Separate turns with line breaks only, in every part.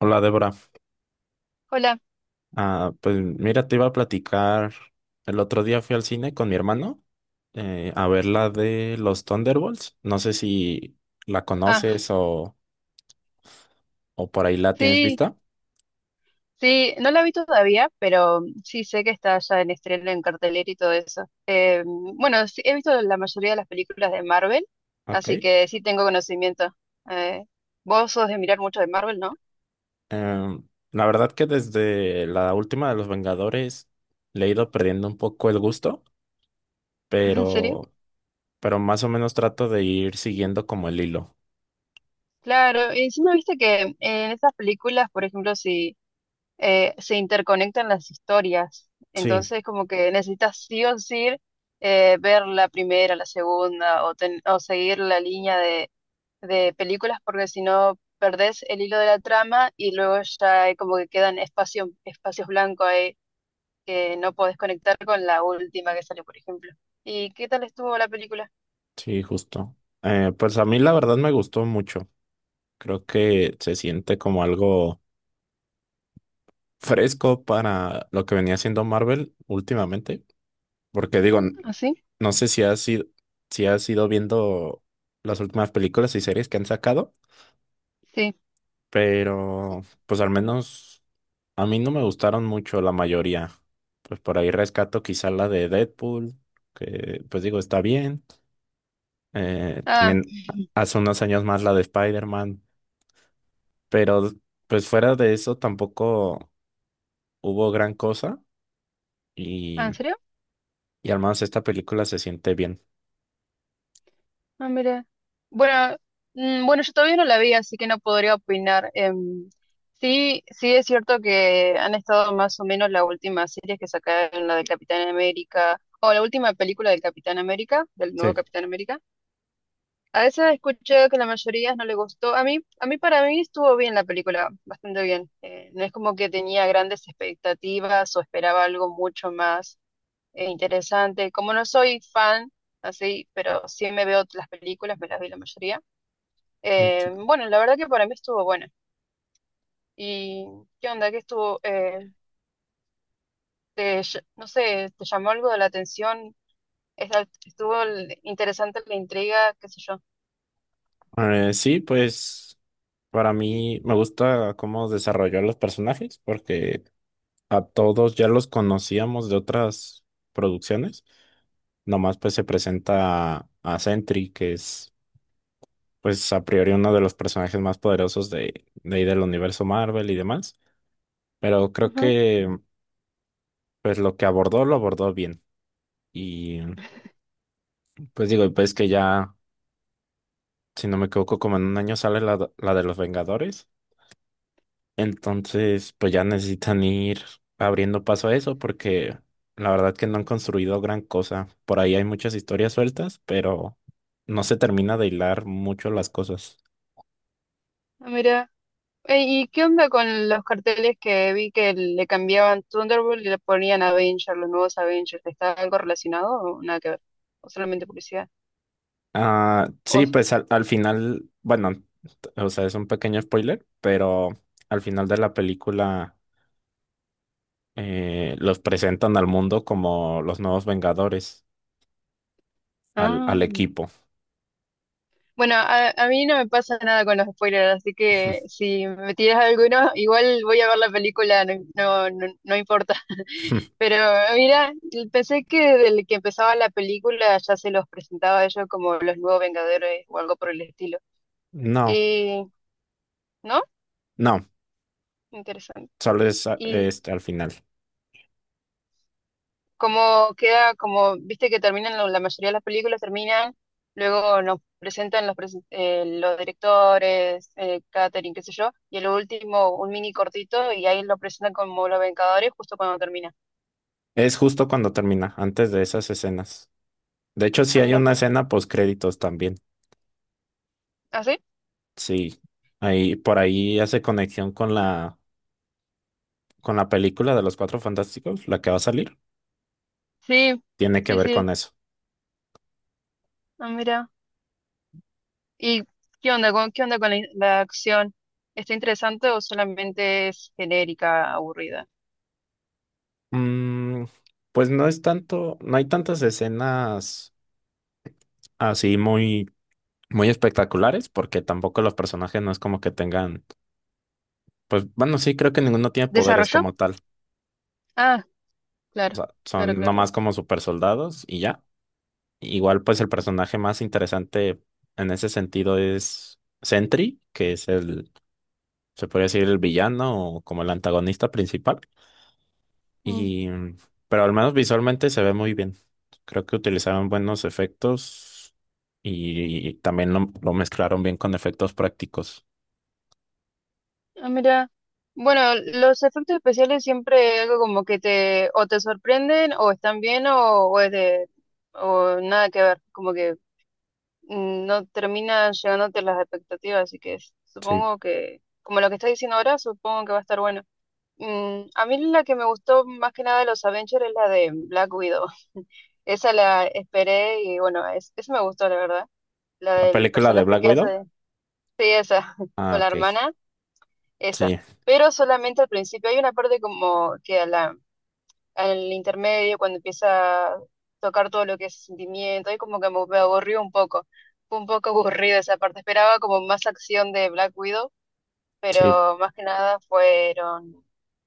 Hola Débora.
Hola.
Pues mira, te iba a platicar, el otro día fui al cine con mi hermano a ver la de los Thunderbolts, no sé si la
Ah,
conoces o por ahí la tienes
sí,
vista.
sí, no la vi todavía, pero sí sé que está ya en estreno, en cartelera y todo eso. Bueno, sí, he visto la mayoría de las películas de Marvel,
Ok.
así que sí tengo conocimiento. Eh, vos sos de mirar mucho de Marvel, ¿no?
Em, la verdad que desde la última de los Vengadores le he ido perdiendo un poco el gusto,
¿En serio?
pero, pero más o menos trato de ir siguiendo como el hilo.
Claro, y encima viste que en esas películas, por ejemplo, si se interconectan las historias.
Sí,
Entonces, como que necesitas sí o sí ver la primera, la segunda, o seguir la línea de películas, porque si no, perdés el hilo de la trama y luego ya hay como que quedan espacios blancos ahí que no podés conectar con la última que sale, por ejemplo. ¿Y qué tal estuvo la película?
sí, justo. Pues a mí la verdad me gustó mucho, creo que se siente como algo fresco para lo que venía haciendo Marvel últimamente, porque digo,
¿Ah, sí?
no sé si has ido, si has ido viendo las últimas películas y series que han sacado,
Sí.
pero pues al menos a mí no me gustaron mucho la mayoría. Pues por ahí rescato quizá la de Deadpool, que pues digo, está bien.
Ah,
También hace unos años más la de Spider-Man, pero pues fuera de eso tampoco hubo gran cosa. Y
¿en serio?
Y hermanos, esta película se siente bien.
Ah, mira. Bueno, bueno, yo todavía no la vi, así que no podría opinar. Sí, sí es cierto que han estado más o menos las últimas series que sacaron, la del Capitán América, o la última película del Capitán América, del nuevo
Sí.
Capitán América. A esa he escuchado que la mayoría no le gustó. A mí, para mí estuvo bien la película, bastante bien. No es como que tenía grandes expectativas o esperaba algo mucho más. Interesante. Como no soy fan, así, pero sí me veo las películas, me las vi la mayoría.
Mm, sí.
Bueno, la verdad que para mí estuvo buena. ¿Y qué onda? ¿Qué estuvo? No sé, ¿te llamó algo de la atención? ¿Estuvo interesante la intriga? ¿Qué sé yo?
Sí, pues para mí me gusta cómo desarrolló a los personajes porque a todos ya los conocíamos de otras producciones. Nomás pues se presenta a Sentry, que es pues a priori uno de los personajes más poderosos de ahí del universo Marvel y demás. Pero creo
Ajá.
que pues lo que abordó lo abordó bien. Y pues digo, pues que ya, si no me equivoco, como en un año sale la de los Vengadores. Entonces, pues ya necesitan ir abriendo paso a eso porque la verdad que no han construido gran cosa. Por ahí hay muchas historias sueltas, pero no se termina de hilar mucho las cosas.
Ah, mira. ¿Y qué onda con los carteles que vi que le cambiaban Thunderbolt y le ponían Avengers, los nuevos Avengers? ¿Está algo relacionado o nada que ver? ¿O solamente publicidad?
Ah,
¿O-
sí, pues al final, bueno, o sea, es un pequeño spoiler, pero al final de la película los presentan al mundo como los nuevos Vengadores,
Ah.
al equipo.
Bueno, a mí no me pasa nada con los spoilers, así que si me tiras alguno, igual voy a ver la película, no, no, no, no importa. Pero mira, pensé que desde que empezaba la película ya se los presentaba a ellos como los nuevos Vengadores o algo por el estilo.
No,
Y, ¿no?
no,
Interesante.
solo es
Y
este, al final.
como queda, como viste que terminan, la mayoría de las películas terminan, luego nos presentan los directores, catering, qué sé yo, y el último, un mini cortito, y ahí lo presentan como Los Vengadores justo cuando termina.
Es justo cuando termina, antes de esas escenas. De hecho,
Ah,
sí hay
mira,
una escena post créditos también.
¿ah, sí?
Sí. Ahí, por ahí hace conexión con con la película de los Cuatro Fantásticos, la que va a salir.
Sí,
Tiene que
sí,
ver
sí,
con eso.
ah, mira. ¿Y qué onda con la acción? ¿Está interesante o solamente es genérica, aburrida?
Mm, pues no es tanto, no hay tantas escenas así muy, muy espectaculares, porque tampoco los personajes no es como que tengan, pues bueno, sí, creo que ninguno tiene poderes
¿Desarrolló?
como tal.
Ah,
O
claro,
sea,
claro,
son
claro.
nomás como super soldados y ya. Igual, pues el personaje más interesante en ese sentido es Sentry, que es el, se podría decir, el villano o como el antagonista principal. Y, mm, pero al menos visualmente se ve muy bien. Creo que utilizaron buenos efectos y, también lo mezclaron bien con efectos prácticos.
Ah, mira, bueno, los efectos especiales siempre es algo como que te o te sorprenden o están bien o es de o nada que ver, como que no terminan llegándote las expectativas, así que
Sí.
supongo que como lo que estás diciendo ahora, supongo que va a estar bueno. A mí la que me gustó más que nada de los Avengers es la de Black Widow. Esa la esperé y bueno, esa me gustó, la verdad. La
La
del
película de
personaje
Black
que
Widow.
hace, sí, esa,
Ah,
con la
ok.
hermana. Esa.
Sí,
Pero solamente al principio. Hay una parte como que al intermedio, cuando empieza a tocar todo lo que es sentimiento, ahí como que me aburrió un poco. Fue un poco aburrida esa parte. Esperaba como más acción de Black Widow,
sí.
pero más que nada fueron,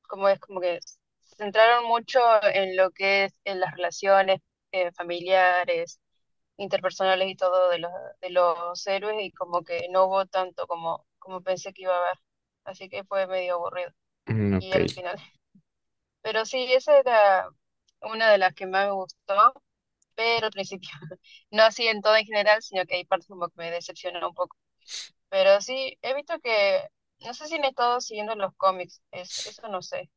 como es como que se centraron mucho en lo que es en las relaciones familiares, interpersonales y todo de los, héroes y como que no hubo tanto como, como pensé que iba a haber. Así que fue medio aburrido
Mm,
y
ok.
al final. Pero sí, esa era una de las que más me gustó, pero al principio. No así en todo en general, sino que hay partes como que me decepcionó un poco. Pero sí, he visto que, no sé si han estado siguiendo los cómics, es, eso no sé.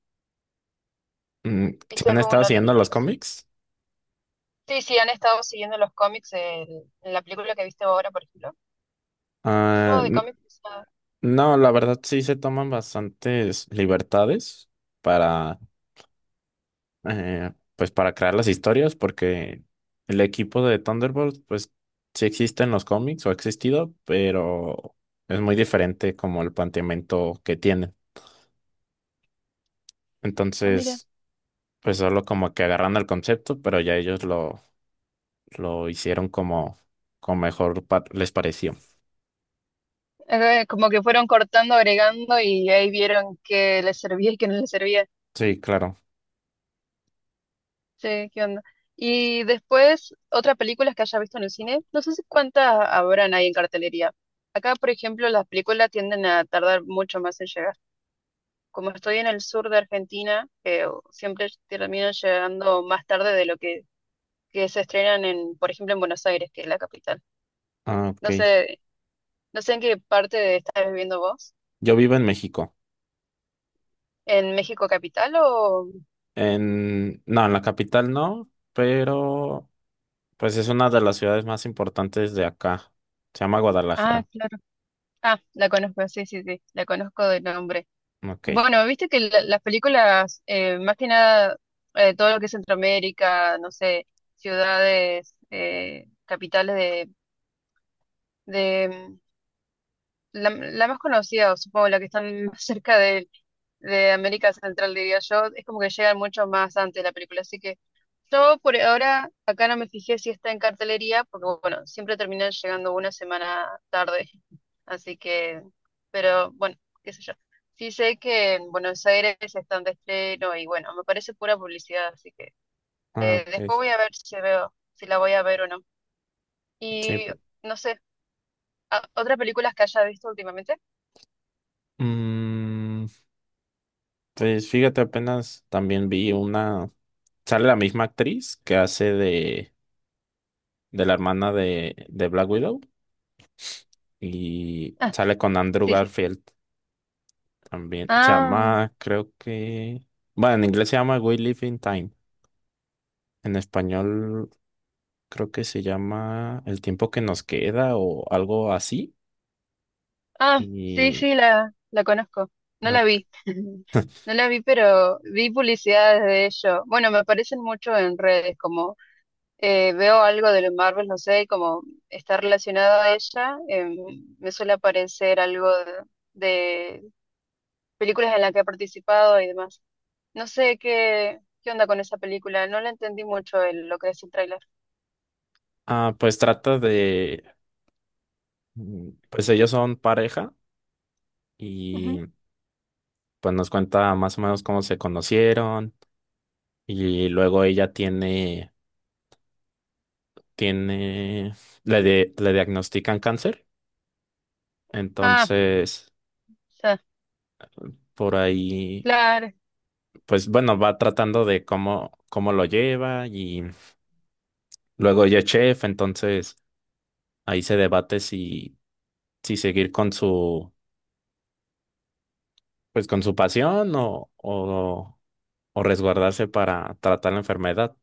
Mm, ¿sí?
¿Viste
¿Han estado
alguno?
siguiendo los cómics?
Sí, sí, han estado siguiendo los cómics en la película que viste ahora, por ejemplo. Yo
Ah,
de cómics... Ah.
no, la verdad sí se toman bastantes libertades para, eh, pues para crear las historias, porque el equipo de Thunderbolts, pues sí existe en los cómics o ha existido, pero es muy diferente como el planteamiento que tienen.
Ah, mira,
Entonces, pues solo como que agarran el concepto, pero ya ellos lo hicieron como, como mejor les pareció.
Como que fueron cortando, agregando y ahí vieron que les servía y que no les servía.
Sí, claro.
Sí, ¿qué onda? Y después, otras películas que haya visto en el cine, no sé si cuántas habrán ahí en cartelería. Acá, por ejemplo, las películas tienden a tardar mucho más en llegar. Como estoy en el sur de Argentina, que siempre terminan llegando más tarde de lo que se estrenan en, por ejemplo, en Buenos Aires, que es la capital.
Ah, ok.
No sé, no sé en qué parte estás viviendo vos.
Yo vivo en México.
¿En México capital o...?
En, no, en la capital no, pero pues es una de las ciudades más importantes de acá. Se llama
Ah,
Guadalajara.
claro. Ah, la conozco, sí, sí, sí, la conozco de nombre.
Ok.
Bueno, viste que las películas, más que nada, todo lo que es Centroamérica, no sé, ciudades, capitales de la más conocida, o supongo la que están más cerca de América Central, diría yo, es como que llegan mucho más antes la película. Así que yo por ahora acá no me fijé si está en cartelería, porque bueno, siempre terminan llegando una semana tarde. Así que, pero bueno, qué sé yo. Sí sé que en Buenos Aires están de estreno y bueno, me parece pura publicidad, así que
Ah, ok.
después voy a ver si veo, si la voy a ver o no.
Sí.
Y no sé, ¿otras películas que haya visto últimamente?
Mm, pues fíjate, apenas también vi una. Sale la misma actriz que hace de la hermana de Black Widow. Y
Ah,
sale con Andrew
sí, sí.
Garfield también. Se
Ah.
llama, creo que. Bueno, en inglés se llama We Live in Time. En español creo que se llama El tiempo que nos queda o algo así.
Ah, sí,
Y.
sí, la conozco. No la
Ok.
vi. No la vi, pero vi publicidades de ello. Bueno, me aparecen mucho en redes, como veo algo de los Marvel, no sé, y como está relacionado a ella, me suele aparecer algo de películas en las que ha participado y demás. No sé qué onda con esa película, no la entendí mucho lo que es el tráiler.
Ah, pues trata de, pues ellos son pareja
Ujú.
y pues nos cuenta más o menos cómo se conocieron y luego ella tiene, le diagnostican cáncer,
Ah,
entonces
ya,
por ahí,
claro.
pues bueno, va tratando de cómo, cómo lo lleva y luego ella es chef, entonces ahí se debate si, si seguir con su, pues con su pasión o resguardarse para tratar la enfermedad.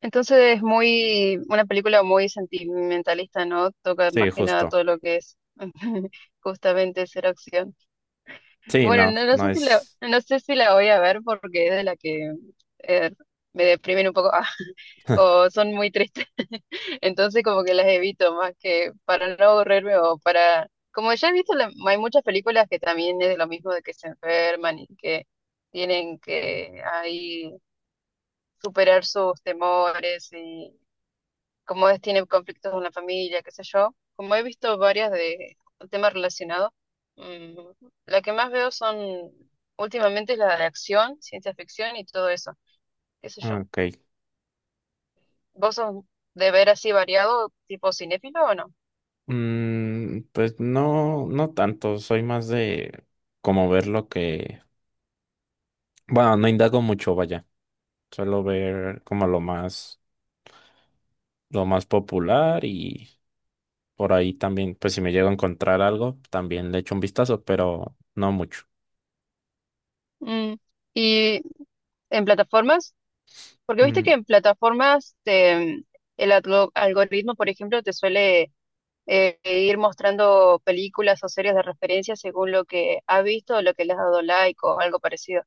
Entonces una película muy sentimentalista, ¿no? Toca más
Sí,
que nada
justo.
todo lo que es justamente ser acción.
Sí,
Bueno,
no,
no, no sé
no
si la,
es.
no sé si la voy a ver porque es de la que eh, me deprimen un poco, ah, o son muy tristes. Entonces como que las evito más que para no aburrirme o para... Como ya he visto, hay muchas películas que también es de lo mismo, de que se enferman y que tienen que ahí superar sus temores como es, tiene conflictos con la familia, qué sé yo. Como he visto varias de un tema relacionado, mm, la que más veo son últimamente es la de acción, ciencia ficción y todo eso, qué sé yo.
Ok.
¿Vos sos de ver así variado, tipo cinéfilo o no?
Pues no, no tanto. Soy más de como ver lo que. Bueno, no indago mucho, vaya. Suelo ver como lo más popular y por ahí también, pues si me llego a encontrar algo, también le echo un vistazo, pero no mucho.
Mm, ¿Y en plataformas? Porque viste que
Mm,
en plataformas el algoritmo, por ejemplo, te suele ir mostrando películas o series de referencia según lo que ha visto o lo que le has dado like o algo parecido.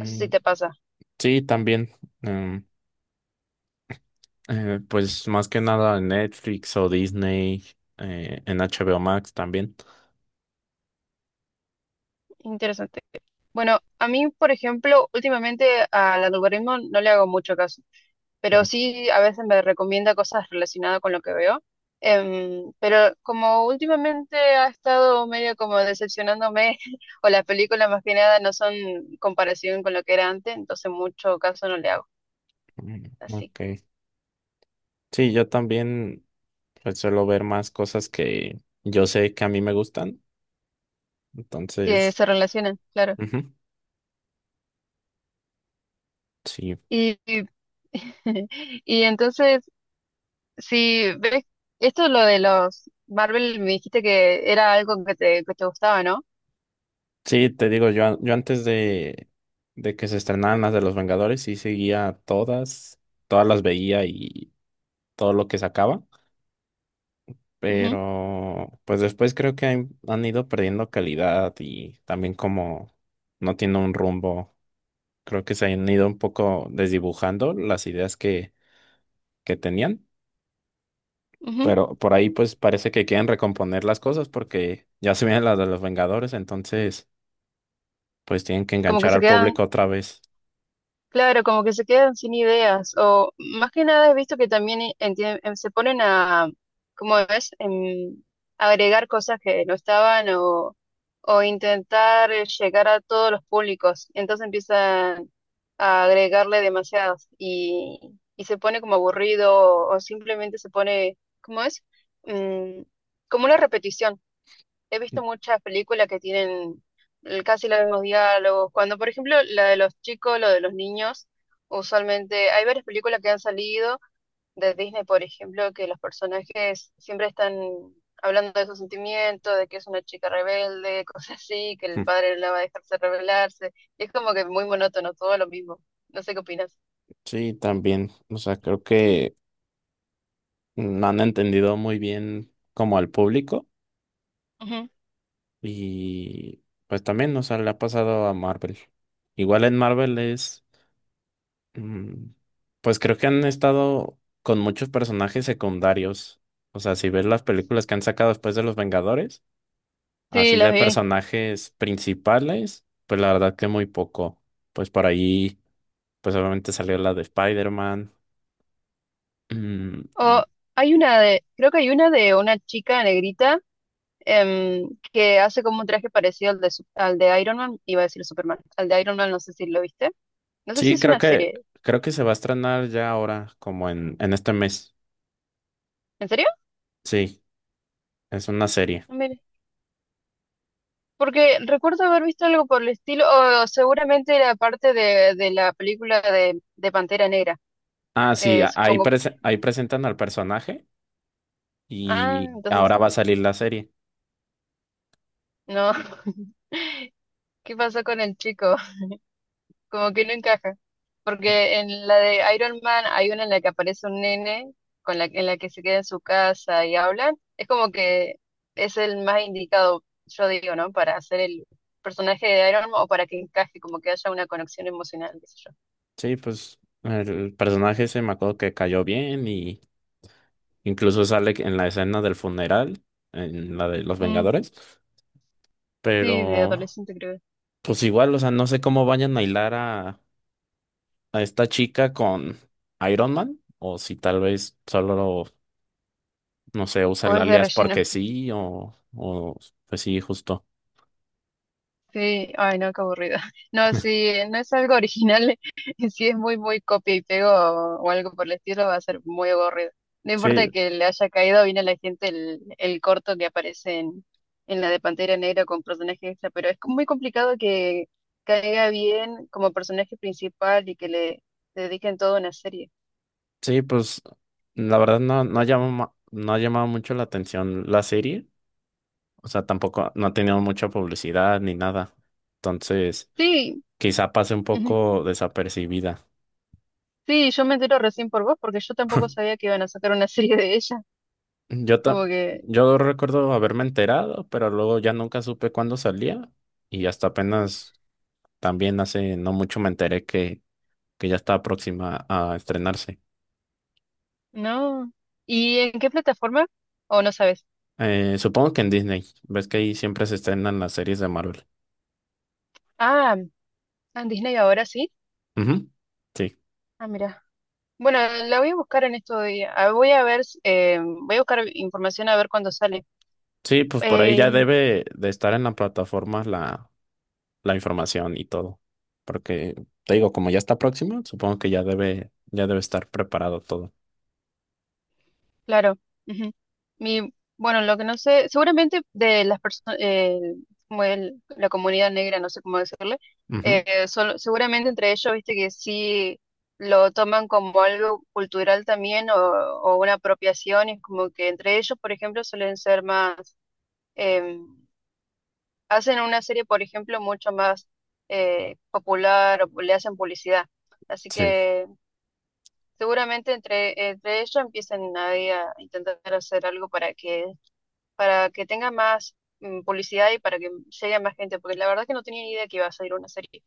No sé si te pasa.
sí, también. em, pues más que nada en Netflix o Disney, en HBO Max también.
Interesante. Bueno, a mí, por ejemplo, últimamente al algoritmo no le hago mucho caso, pero sí a veces me recomienda cosas relacionadas con lo que veo. Pero como últimamente ha estado medio como decepcionándome, o las películas más que nada no son comparación con lo que era antes, entonces mucho caso no le hago.
Mm,
Así
ok. Sí, yo también pues, suelo ver más cosas que yo sé que a mí me gustan.
que
Entonces,
se relacionan, claro.
ujú, sí.
Y, y entonces sí, ves, esto lo de los Marvel me dijiste que era algo que te gustaba, ¿no?
Sí, te digo, yo, yo antes de que se estrenaran las de los Vengadores, sí seguía todas, todas las veía y todo lo que sacaba.
Ujú,
Pero pues después creo que han, han ido perdiendo calidad y también como no tiene un rumbo, creo que se han ido un poco desdibujando las ideas que tenían.
ujú.
Pero por ahí pues parece que quieren recomponer las cosas porque ya se vienen las de los Vengadores, entonces pues tienen que
Como que
enganchar
se
al
quedan
público otra vez.
Claro, como que se quedan sin ideas. O más que nada he visto que también se ponen a, como ves, agregar cosas que no estaban o intentar llegar a todos los públicos. Entonces empiezan a agregarle demasiadas y se pone como aburrido o, simplemente se pone, ¿cómo es? Mm, como una repetición. He visto muchas películas que tienen casi los mismos diálogos. Cuando, por ejemplo, la de los chicos, lo de los niños, usualmente hay varias películas que han salido de Disney, por ejemplo, que los personajes siempre están hablando de sus sentimientos, de que es una chica rebelde, cosas así, que el
Ujú.
padre no la va a dejarse rebelarse. Y es como que muy monótono, todo lo mismo. No sé qué opinas.
Sí, también. O sea, creo que no han entendido muy bien como al público
Ujú.
y pues también, o sea, le ha pasado a Marvel. Igual en Marvel es, mm, pues creo que han estado con muchos personajes secundarios. O sea, si ves las películas que han sacado después de los Vengadores.
Sí,
Así
las
de
vi.
personajes principales, pues la verdad que muy poco. Pues por ahí, pues obviamente salió la de Spider-Man.
O
Mm,
hay una de, creo que hay una de una chica negrita. Que hace como un traje parecido al de Iron Man, iba a decir Superman, al de Iron Man, no sé si lo viste, no sé si
sí,
es una serie,
creo que se va a estrenar ya ahora, como en este mes.
¿en serio?
Sí, es una serie.
Ah, mire. Porque recuerdo haber visto algo por el estilo, o seguramente era parte de la película de Pantera Negra,
Ah, sí, ahí,
supongo.
ahí presentan al personaje
Ah,
y
entonces
ahora
sí.
va a salir la serie.
No, ¿qué pasó con el chico? Como que no encaja. Porque en la de Iron Man hay una en la que aparece un nene con la, en la que se queda en su casa y hablan. Es como que es el más indicado, yo digo, ¿no? Para hacer el personaje de Iron Man o para que encaje, como que haya una conexión emocional, qué sé yo.
Sí, pues el personaje se me acuerdo que cayó bien y incluso sale en la escena del funeral, en la de Los
Mm,
Vengadores.
sí, de
Pero,
adolescente creo.
pues igual, o sea, no sé cómo vayan a hilar a esta chica con Iron Man. O si tal vez solo, no sé, usa
O
el
es de
alias
relleno.
porque sí, o pues sí, justo.
Sí, ay no, qué aburrido. No, si no es algo original, si es muy, muy copia y pego o algo por el estilo, va a ser muy aburrido. No
Sí,
importa que le haya caído bien a la gente el corto que aparece en la de Pantera Negra con personaje extra, pero es como muy complicado que caiga bien como personaje principal y que le dediquen toda una serie.
sí, pues la verdad no, no ha llamado, no ha llamado mucho la atención la serie. O sea, tampoco no ha tenido mucha publicidad ni nada. Entonces,
Sí,
quizá pase un
ujú.
poco desapercibida.
Sí, yo me entero recién por vos porque yo tampoco sabía que iban a sacar una serie de ella.
Yo,
Como que
yo recuerdo haberme enterado, pero luego ya nunca supe cuándo salía y hasta apenas también hace no mucho me enteré que ya está próxima a estrenarse.
no. ¿Y en qué plataforma? ¿O no sabes?
Supongo que en Disney, ves que ahí siempre se estrenan las series de Marvel.
Ah, en Disney ahora sí.
Ujú, sí,
Ah, mira. Bueno, la voy a buscar en estos días. Ah, voy a ver, voy a buscar información a ver cuándo sale.
sí, pues por ahí ya
Eh,
debe de estar en la plataforma la información y todo, porque te digo, como ya está próxima, supongo que ya debe estar preparado todo.
Claro. Ujú. Bueno, lo que no sé, seguramente de las personas, como la comunidad negra, no sé cómo decirle,
Ujú,
seguramente entre ellos, viste que sí lo toman como algo cultural también o una apropiación, y como que entre ellos, por ejemplo, suelen ser más, eh, hacen una serie, por ejemplo, mucho más popular o le hacen publicidad. Así
sí,
que seguramente entre ellos empiezan ahí a intentar hacer algo para que tenga más publicidad y para que llegue a más gente, porque la verdad que no tenía ni idea que iba a salir una serie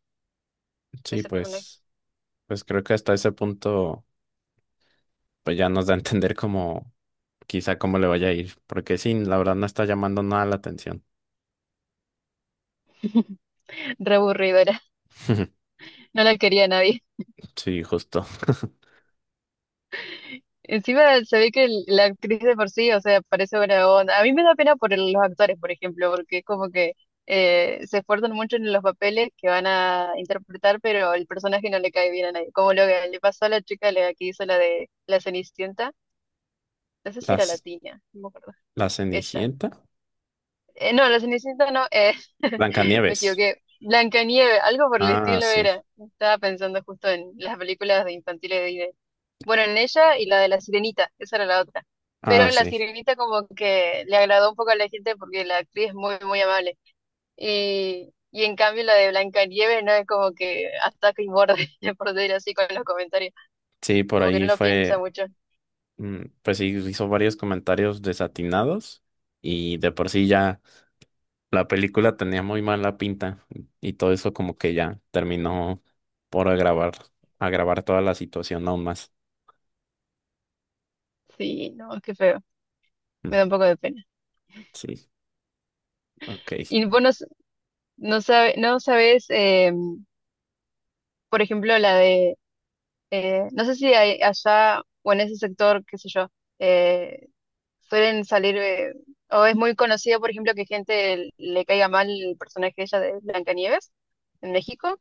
de
sí,
ese personaje.
pues. Pues creo que hasta ese punto, pues ya nos da a entender como quizá cómo le vaya a ir, porque sí, la verdad no está llamando nada la atención.
Re aburrido era, no la quería nadie.
Sí, justo.
Encima se ve que la actriz de por sí, o sea, parece buena onda. A mí me da pena por los actores, por ejemplo, porque es como que se esfuerzan mucho en los papeles que van a interpretar, pero el personaje no le cae bien a nadie. Como lo que le pasó a la chica la que hizo la de la Cenicienta, no sé si era
Las,
latina, no me acuerdo.
la
Ella.
Cenicienta.
No, la Cenicienta no, me
Blancanieves.
equivoqué. Blancanieves, algo por el
Ah,
estilo
sí.
era. Estaba pensando justo en las películas de infantiles de Disney. Bueno, en ella y la de la Sirenita, esa era la otra.
Ah,
Pero la
sí.
Sirenita como que le agradó un poco a la gente porque la actriz es muy, muy amable. Y en cambio la de Blancanieves no es como que ataca y morde, por decir así, con los comentarios.
Sí, por
Como que no
ahí
lo piensa
fue,
mucho.
pues sí, hizo varios comentarios desatinados y de por sí ya la película tenía muy mala pinta y todo eso como que ya terminó por agravar, agravar toda la situación aún más.
Sí, no, qué feo. Me
Mm,
da un poco de pena.
sí. Ok. es
Y vos no, no sabes por ejemplo, la de, no sé si hay allá o en ese sector, qué sé yo, eh, suelen salir, o es muy conocido, por ejemplo, que gente le caiga mal el personaje de ella de Blancanieves en México.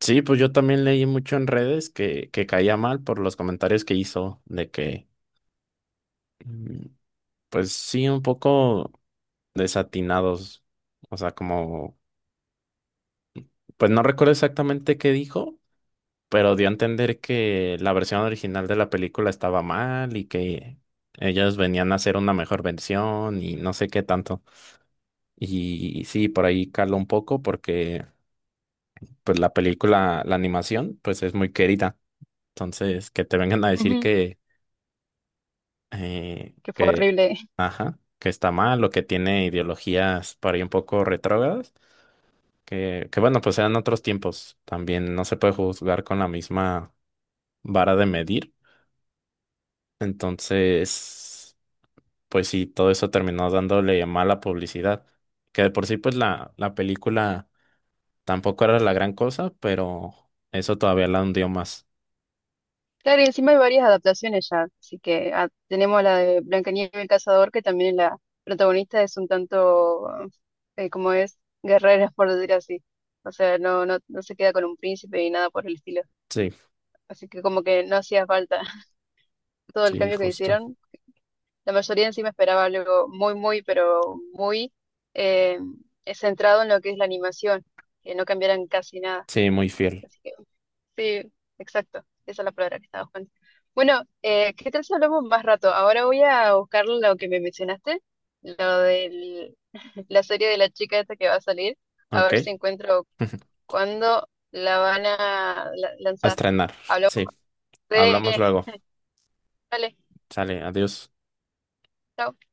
Sí, pues yo también leí mucho en redes que caía mal por los comentarios que hizo, de que, mm, pues sí, un poco desatinados. O sea, como, pues no recuerdo exactamente qué dijo, pero dio a entender que la versión original de la película estaba mal y que ellos venían a hacer una mejor versión y no sé qué tanto. Y sí, por ahí caló un poco porque, pues la película, la animación, pues es muy querida. Entonces, que te vengan a decir
Ujú.
que, eh,
Que fue
que,
horrible.
ajá, que está mal o que tiene ideologías por ahí un poco retrógradas, que bueno, pues eran otros tiempos. También no se puede juzgar con la misma vara de medir. Entonces, pues sí, todo eso terminó dándole mala publicidad. Que de por sí, pues la película tampoco era la gran cosa, pero eso todavía la hundió más.
Claro, y encima hay varias adaptaciones ya, así que ah, tenemos la de Blancanieves el cazador, que también la protagonista es un tanto, como es, guerrera, por decir así. O sea, no, no, no se queda con un príncipe ni nada por el estilo.
Sí,
Así que como que no hacía falta todo el
sí,
cambio que
justo.
hicieron. La mayoría en sí me esperaba algo muy, muy, pero muy eh, centrado en lo que es la animación, que no cambiaran casi nada.
Sí, muy fiel.
Así que sí, exacto, esa es la palabra que estaba buscando. Bueno, ¿qué tal si hablamos más rato? Ahora voy a buscar lo que me mencionaste, lo de la serie de la chica esta que va a salir, a
Ok.
ver si encuentro cuándo la van a
A
lanzar.
estrenar.
Hablamos más
Sí.
de...
Hablamos luego.
Dale,
Sale, adiós.
chao.